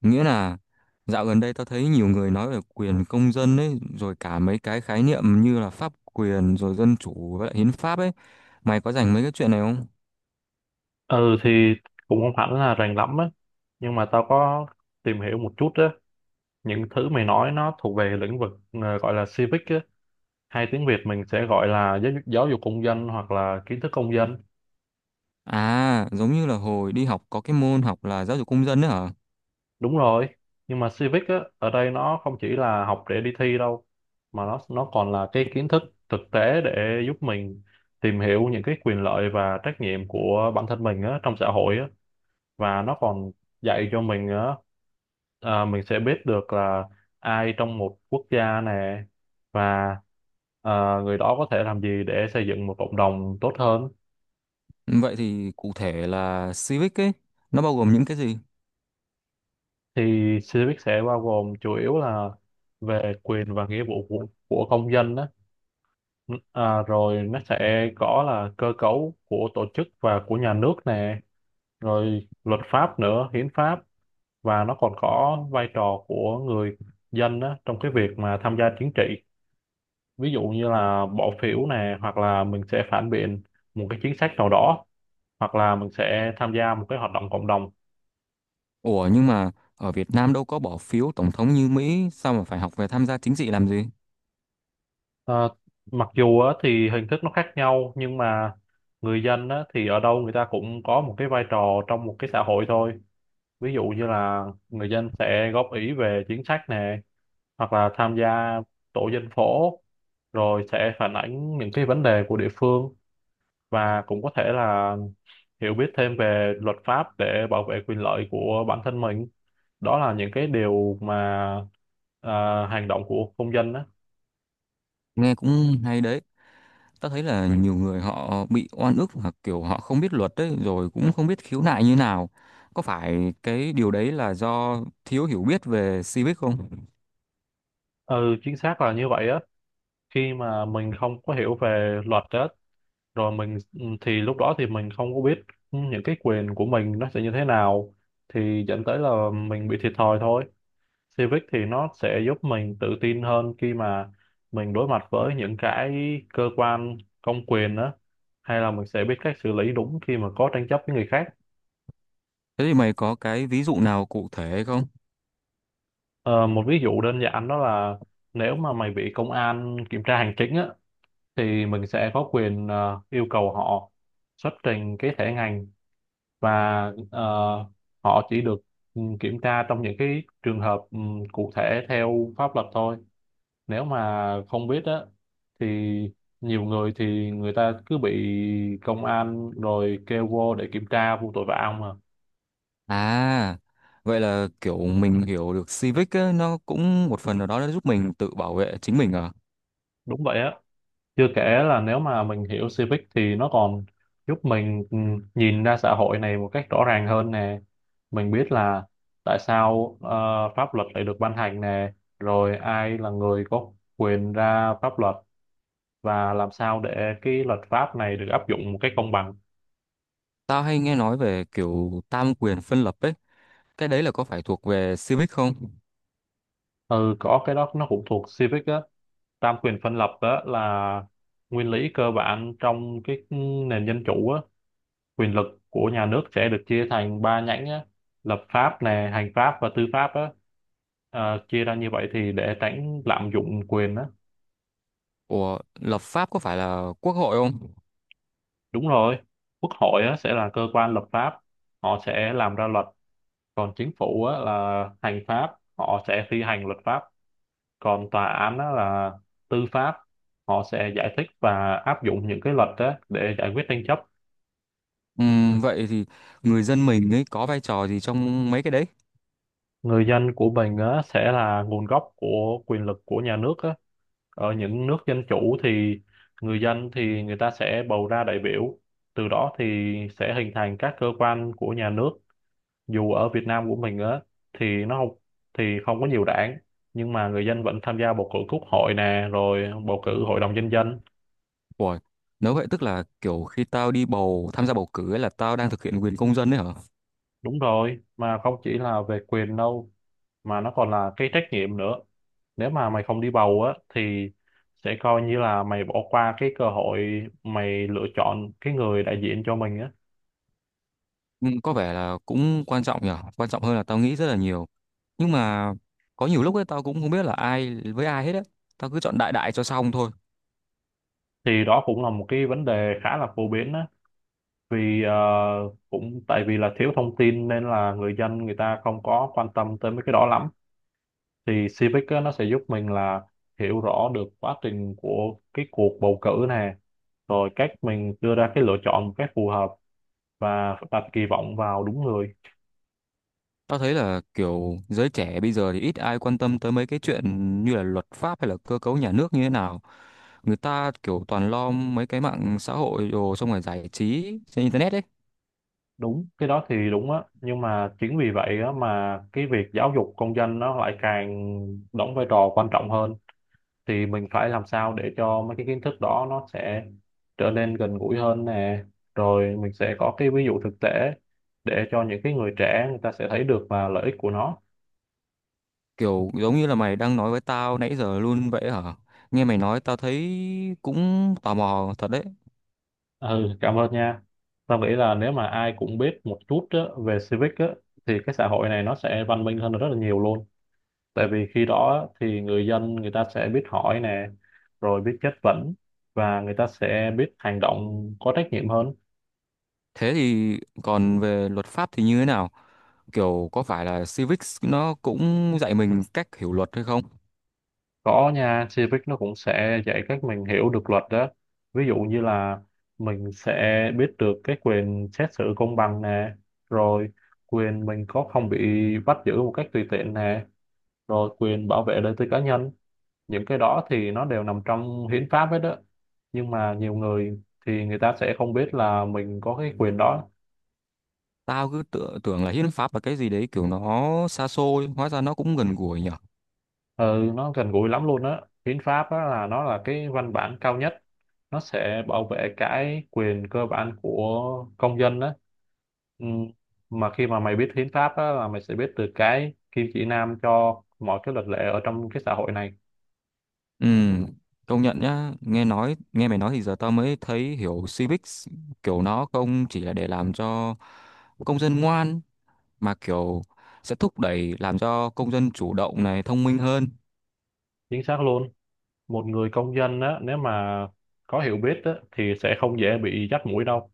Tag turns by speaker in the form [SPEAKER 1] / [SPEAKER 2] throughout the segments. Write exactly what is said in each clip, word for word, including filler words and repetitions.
[SPEAKER 1] Nghĩa là dạo gần đây tao thấy nhiều người nói về quyền công dân ấy, rồi cả mấy cái khái niệm như là pháp quyền, rồi dân chủ với lại hiến pháp ấy. Mày có rành mấy cái chuyện này không?
[SPEAKER 2] Ừ thì cũng không hẳn là rành lắm á, nhưng mà tao có tìm hiểu một chút á. Những thứ mày nói nó thuộc về lĩnh vực, ờ, gọi là civic á, hay tiếng Việt mình sẽ gọi là giáo, dục- giáo dục công dân hoặc là kiến thức công dân.
[SPEAKER 1] À, giống như là hồi đi học có cái môn học là giáo dục công dân đấy hả?
[SPEAKER 2] Đúng rồi, nhưng mà civic á ở đây nó không chỉ là học để đi thi đâu, mà nó nó còn là cái kiến thức thực tế để giúp mình tìm hiểu những cái quyền lợi và trách nhiệm của bản thân mình á trong xã hội á. Và nó còn dạy cho mình nữa. À, mình sẽ biết được là ai trong một quốc gia này, và à, người đó có thể làm gì để xây dựng một cộng đồng tốt hơn.
[SPEAKER 1] Vậy thì cụ thể là civic ấy, nó bao gồm những cái gì?
[SPEAKER 2] Thì civic sẽ bao gồm chủ yếu là về quyền và nghĩa vụ của, của công dân đó. À, rồi nó sẽ có là cơ cấu của tổ chức và của nhà nước nè, rồi luật pháp nữa, hiến pháp. Và nó còn có vai trò của người dân đó trong cái việc mà tham gia chính trị, ví dụ như là bỏ phiếu này, hoặc là mình sẽ phản biện một cái chính sách nào đó, hoặc là mình sẽ tham gia một cái hoạt động cộng đồng.
[SPEAKER 1] Ủa nhưng mà ở Việt Nam đâu có bỏ phiếu tổng thống như Mỹ, sao mà phải học về tham gia chính trị làm gì?
[SPEAKER 2] Ờ, mặc dù á thì hình thức nó khác nhau, nhưng mà người dân á thì ở đâu người ta cũng có một cái vai trò trong một cái xã hội thôi. Ví dụ như là người dân sẽ góp ý về chính sách này, hoặc là tham gia tổ dân phố, rồi sẽ phản ánh những cái vấn đề của địa phương, và cũng có thể là hiểu biết thêm về luật pháp để bảo vệ quyền lợi của bản thân mình. Đó là những cái điều mà, à, hành động của công dân á.
[SPEAKER 1] Nghe cũng hay đấy. Ta thấy là nhiều người họ bị oan ức và kiểu họ không biết luật đấy, rồi cũng không biết khiếu nại như nào. Có phải cái điều đấy là do thiếu hiểu biết về civic không?
[SPEAKER 2] Ừ, chính xác là như vậy á. Khi mà mình không có hiểu về luật á, rồi mình ừ, thì lúc đó thì mình không có biết ừ, những cái quyền của mình nó sẽ như thế nào, thì dẫn tới là mình bị thiệt thòi thôi. Civic thì nó sẽ giúp mình tự tin hơn khi mà mình đối mặt với những cái cơ quan công quyền đó, hay là mình sẽ biết cách xử lý đúng khi mà có tranh chấp với người khác.
[SPEAKER 1] Thế thì mày có cái ví dụ nào cụ thể không?
[SPEAKER 2] Ờ, một ví dụ đơn giản đó là nếu mà mày bị công an kiểm tra hành chính á, thì mình sẽ có quyền ờ, yêu cầu họ xuất trình cái thẻ ngành. Và ờ, họ chỉ được ừ, kiểm tra trong những cái trường hợp ừ, cụ thể theo pháp luật thôi. Nếu mà không biết á thì nhiều người thì người ta cứ bị công an rồi kêu vô để kiểm tra vô tội vạ ông mà.
[SPEAKER 1] À, vậy là kiểu mình hiểu được civic ấy, nó cũng một phần nào đó nó giúp mình tự bảo vệ chính mình à?
[SPEAKER 2] Đúng vậy á. Chưa kể là nếu mà mình hiểu Civic thì nó còn giúp mình ừ, nhìn ra xã hội này một cách rõ ràng hơn nè. Mình biết là tại sao ờ, pháp luật lại được ban hành nè, rồi ai là người có quyền ra pháp luật, và làm sao để cái luật pháp này được áp dụng một cách công bằng.
[SPEAKER 1] Tao hay nghe nói về kiểu tam quyền phân lập ấy, cái đấy là có phải thuộc về civic không?
[SPEAKER 2] Ừ, có cái đó nó cũng thuộc Civic á. Tam quyền phân lập đó là nguyên lý cơ bản trong cái nền dân chủ á. Quyền lực của nhà nước sẽ được chia thành ba nhánh á: lập pháp nè, hành pháp, và tư pháp á. Ờ, chia ra như vậy thì để tránh lạm dụng quyền á.
[SPEAKER 1] Ủa, lập pháp có phải là quốc hội không?
[SPEAKER 2] Đúng rồi. Quốc hội á sẽ là cơ quan lập pháp, họ sẽ làm ra luật. Còn chính phủ á là hành pháp, họ sẽ thi hành luật pháp. Còn tòa án á là tư pháp, họ sẽ giải thích và áp dụng những cái luật á để giải quyết tranh chấp.
[SPEAKER 1] Ừm, vậy thì người dân mình ấy có vai trò gì trong mấy cái đấy?
[SPEAKER 2] Người dân của mình á sẽ là nguồn gốc của quyền lực của nhà nước á. Ở những nước dân chủ thì người dân thì người ta sẽ bầu ra đại biểu, từ đó thì sẽ hình thành các cơ quan của nhà nước. Dù ở Việt Nam của mình á thì nó không thì không có nhiều đảng, nhưng mà người dân vẫn tham gia bầu cử quốc hội nè, rồi bầu cử hội đồng nhân dân.
[SPEAKER 1] Ủa, nếu vậy tức là kiểu khi tao đi bầu tham gia bầu cử ấy là tao đang thực hiện quyền công dân đấy hả?
[SPEAKER 2] Đúng rồi, mà không chỉ là về quyền đâu, mà nó còn là cái trách nhiệm nữa. Nếu mà mày không đi bầu á thì sẽ coi như là mày bỏ qua cái cơ hội mày lựa chọn cái người đại diện cho mình á.
[SPEAKER 1] Ừm, có vẻ là cũng quan trọng nhở, quan trọng hơn là tao nghĩ rất là nhiều. Nhưng mà có nhiều lúc ấy tao cũng không biết là ai với ai hết á. Tao cứ chọn đại đại cho xong thôi.
[SPEAKER 2] Thì đó cũng là một cái vấn đề khá là phổ biến á. Vì ờ, cũng tại vì là thiếu thông tin nên là người dân người ta không có quan tâm tới mấy cái đó lắm. Thì Civic á nó sẽ giúp mình là hiểu rõ được quá trình của cái cuộc bầu cử này, rồi cách mình đưa ra cái lựa chọn một cách phù hợp, và đặt kỳ vọng vào đúng người.
[SPEAKER 1] Tao thấy là kiểu giới trẻ bây giờ thì ít ai quan tâm tới mấy cái chuyện như là luật pháp hay là cơ cấu nhà nước như thế nào. Người ta kiểu toàn lo mấy cái mạng xã hội đồ xong rồi giải trí trên internet ấy.
[SPEAKER 2] Đúng, cái đó thì đúng á, nhưng mà chính vì vậy á mà cái việc giáo dục công dân nó lại càng đóng vai trò quan trọng hơn. Thì mình phải làm sao để cho mấy cái kiến thức đó nó sẽ trở nên gần gũi hơn nè, rồi mình sẽ có cái ví dụ thực tế để cho những cái người trẻ người ta sẽ thấy được là lợi ích của nó.
[SPEAKER 1] Kiểu giống như là mày đang nói với tao nãy giờ luôn vậy hả? Nghe mày nói tao thấy cũng tò mò thật đấy.
[SPEAKER 2] Ừ, cảm ơn nha. Tao nghĩ là nếu mà ai cũng biết một chút á về civic á thì cái xã hội này nó sẽ văn minh hơn rất là nhiều luôn. Tại vì khi đó thì người dân người ta sẽ biết hỏi nè, rồi biết chất vấn, và người ta sẽ biết hành động có trách nhiệm hơn.
[SPEAKER 1] Thế thì còn về luật pháp thì như thế nào? Kiểu có phải là civics nó cũng dạy mình cách hiểu luật hay không?
[SPEAKER 2] Có nha, Civic nó cũng sẽ dạy cách mình hiểu được luật đó. Ví dụ như là mình sẽ biết được cái quyền xét xử công bằng nè, rồi quyền mình có không bị bắt giữ một cách tùy tiện nè, rồi quyền bảo vệ đời tư cá nhân. Những cái đó thì nó đều nằm trong hiến pháp hết đó, nhưng mà nhiều người thì người ta sẽ không biết là mình có cái quyền đó.
[SPEAKER 1] Tao cứ tự, tưởng là hiến pháp là cái gì đấy kiểu nó xa xôi, hóa ra nó cũng gần gũi nhỉ.
[SPEAKER 2] Ừ, nó gần gũi lắm luôn á. Hiến pháp đó là, nó là cái văn bản cao nhất, nó sẽ bảo vệ cái quyền cơ bản của công dân đó. ừ. Mà khi mà mày biết hiến pháp á là mày sẽ biết được cái kim chỉ nam cho mọi cái luật lệ ở trong cái xã hội này.
[SPEAKER 1] Ừ, công nhận nhá, nghe nói nghe mày nói thì giờ tao mới thấy hiểu civics kiểu nó không chỉ là để làm cho công dân ngoan, mà kiểu sẽ thúc đẩy làm cho công dân chủ động này thông minh hơn.
[SPEAKER 2] Chính xác luôn. Một người công dân á nếu mà có hiểu biết á thì sẽ không dễ bị dắt mũi đâu.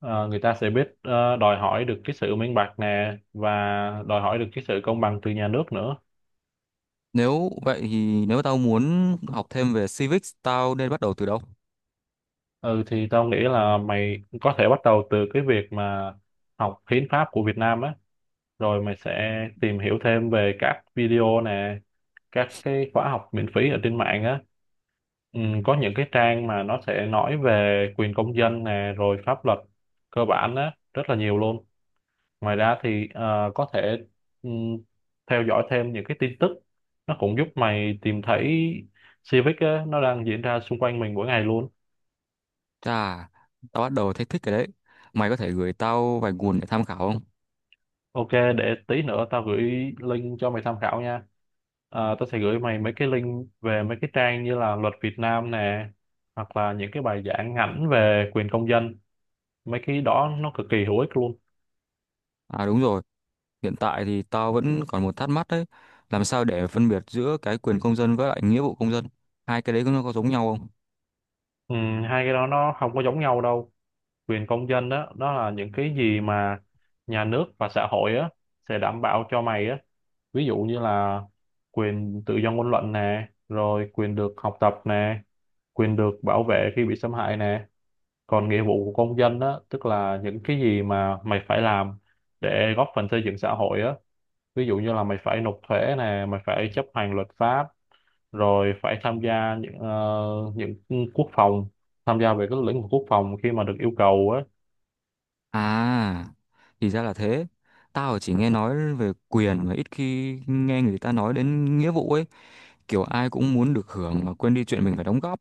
[SPEAKER 2] Ờ, người ta sẽ biết ờ, đòi hỏi được cái sự minh bạch nè, và đòi hỏi được cái sự công bằng từ nhà nước nữa.
[SPEAKER 1] Nếu vậy thì nếu tao muốn học thêm về civics, tao nên bắt đầu từ đâu?
[SPEAKER 2] Ừ thì tao nghĩ là mày có thể bắt đầu từ cái việc mà học hiến pháp của Việt Nam á, rồi mày sẽ tìm hiểu thêm về các video nè, các cái khóa học miễn phí ở trên mạng á. Ừ, có những cái trang mà nó sẽ nói về quyền công dân nè, rồi pháp luật cơ bản á, rất là nhiều luôn. Ngoài ra thì ờ, có thể ừ, theo dõi thêm những cái tin tức, nó cũng giúp mày tìm thấy Civic á, nó đang diễn ra xung quanh mình mỗi ngày luôn.
[SPEAKER 1] Chà, tao bắt đầu thấy thích cái đấy. Mày có thể gửi tao vài nguồn để tham khảo không?
[SPEAKER 2] OK, để tí nữa tao gửi link cho mày tham khảo nha. À, tao sẽ gửi mày mấy cái link về mấy cái trang như là luật Việt Nam nè, hoặc là những cái bài giảng ngắn về quyền công dân. Mấy cái đó nó cực kỳ hữu ích luôn.
[SPEAKER 1] À đúng rồi, hiện tại thì tao vẫn còn một thắc mắc đấy. Làm sao để phân biệt giữa cái quyền công dân với lại nghĩa vụ công dân? Hai cái đấy nó có giống nhau không?
[SPEAKER 2] Ừ, hai cái đó nó không có giống nhau đâu. Quyền công dân đó, đó là những cái gì mà nhà nước và xã hội á sẽ đảm bảo cho mày á. Ví dụ như là quyền tự do ngôn luận nè, rồi quyền được học tập nè, quyền được bảo vệ khi bị xâm hại nè. Còn nghĩa vụ của công dân á tức là những cái gì mà mày phải làm để góp phần xây dựng xã hội á. Ví dụ như là mày phải nộp thuế nè, mày phải chấp hành luật pháp, rồi phải tham gia những ờ, những quốc phòng, tham gia về cái lĩnh vực quốc phòng khi mà được yêu cầu á.
[SPEAKER 1] À, thì ra là thế. Tao chỉ nghe nói về quyền mà ít khi nghe người ta nói đến nghĩa vụ ấy. Kiểu ai cũng muốn được hưởng mà quên đi chuyện mình phải đóng góp.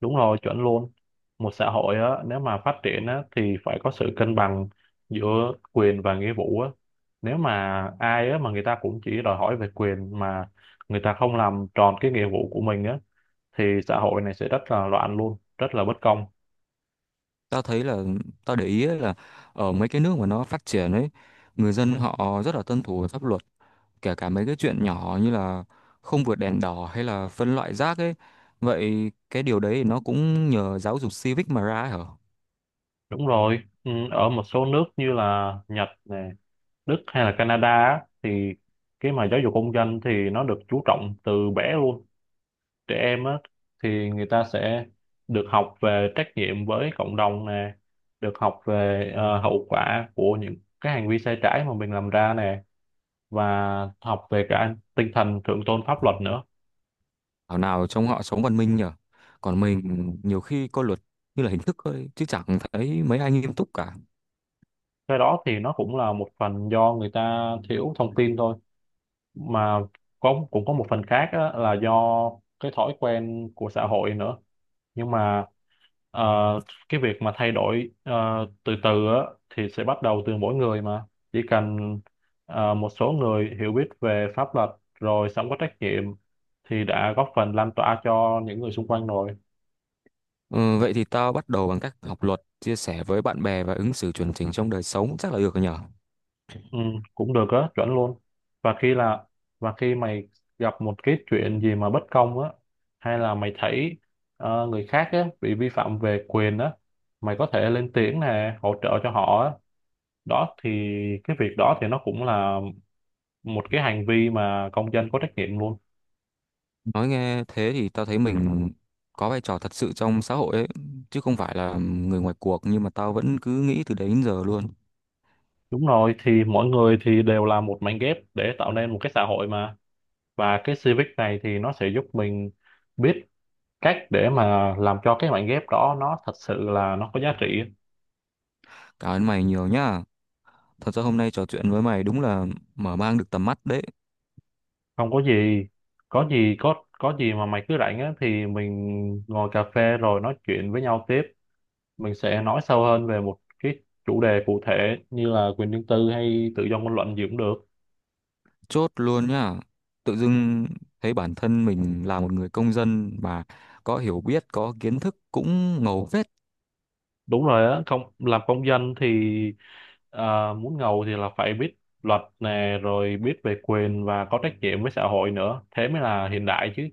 [SPEAKER 2] Đúng rồi, chuẩn luôn. Một xã hội á nếu mà phát triển á thì phải có sự cân bằng giữa quyền và nghĩa vụ á. Nếu mà ai á mà người ta cũng chỉ đòi hỏi về quyền mà người ta không làm tròn cái nghĩa vụ của mình á thì xã hội này sẽ rất là loạn luôn, rất là bất công.
[SPEAKER 1] Tao thấy là, tao để ý ấy là ở mấy cái nước mà nó phát triển ấy, người dân họ rất là tuân thủ pháp luật, kể cả mấy cái chuyện nhỏ như là không vượt đèn đỏ hay là phân loại rác ấy. Vậy cái điều đấy nó cũng nhờ giáo dục civic mà ra ấy hả?
[SPEAKER 2] Đúng rồi. ừ, Ở một số nước như là Nhật này, Đức, hay là Canada á, thì cái mà giáo dục công dân thì nó được chú trọng từ bé luôn. Trẻ em á thì người ta sẽ được học về trách nhiệm với cộng đồng nè, được học về ờ, hậu quả của những cái hành vi sai trái mà mình làm ra nè, và học về cả tinh thần thượng tôn pháp luật nữa.
[SPEAKER 1] Thảo nào trong họ sống văn minh nhở. Còn mình nhiều khi coi luật như là hình thức thôi chứ chẳng thấy mấy ai nghiêm túc cả.
[SPEAKER 2] Cái đó thì nó cũng là một phần do người ta thiếu thông tin thôi. Mà có cũng có một phần khác á là do cái thói quen của xã hội nữa. Nhưng mà ờ, cái việc mà thay đổi ờ, từ từ á thì sẽ bắt đầu từ mỗi người. Mà chỉ cần ờ, một số người hiểu biết về pháp luật rồi sống có trách nhiệm thì đã góp phần lan tỏa cho những người xung quanh rồi.
[SPEAKER 1] Ừ, vậy thì tao bắt đầu bằng cách học luật, chia sẻ với bạn bè và ứng xử chuẩn chỉnh trong đời sống chắc là được rồi nhở?
[SPEAKER 2] Ừ, cũng được á, chuẩn luôn. Và khi là và khi mày gặp một cái chuyện gì mà bất công á, hay là mày thấy ờ, người khác á bị vi phạm về quyền á, mày có thể lên tiếng nè, hỗ trợ cho họ á. Đó thì cái việc đó thì nó cũng là một cái hành vi mà công dân có trách nhiệm luôn.
[SPEAKER 1] Nói nghe thế thì tao thấy mình có vai trò thật sự trong xã hội ấy, chứ không phải là người ngoài cuộc, nhưng mà tao vẫn cứ nghĩ từ đấy đến giờ luôn.
[SPEAKER 2] Đúng rồi, thì mỗi người thì đều là một mảnh ghép để tạo nên một cái xã hội mà. Và cái civic này thì nó sẽ giúp mình biết cách để mà làm cho cái mảnh ghép đó nó thật sự là nó có giá trị á.
[SPEAKER 1] Cảm ơn mày nhiều nhá. Thật ra hôm nay trò chuyện với mày đúng là mở mang được tầm mắt đấy.
[SPEAKER 2] Không có gì. Có gì có có gì mà mày cứ rảnh á thì mình ngồi cà phê rồi nói chuyện với nhau tiếp. Mình sẽ nói sâu hơn về một cái chủ đề cụ thể, như là quyền riêng tư hay tự do ngôn luận gì cũng được.
[SPEAKER 1] Chốt luôn nhá. Tự dưng thấy bản thân mình là một người công dân mà có hiểu biết, có kiến thức cũng ngầu phết.
[SPEAKER 2] Đúng rồi á. Không, làm công dân thì à, muốn ngầu thì là phải biết luật nè, rồi biết về quyền và có trách nhiệm với xã hội nữa, thế mới là hiện đại chứ.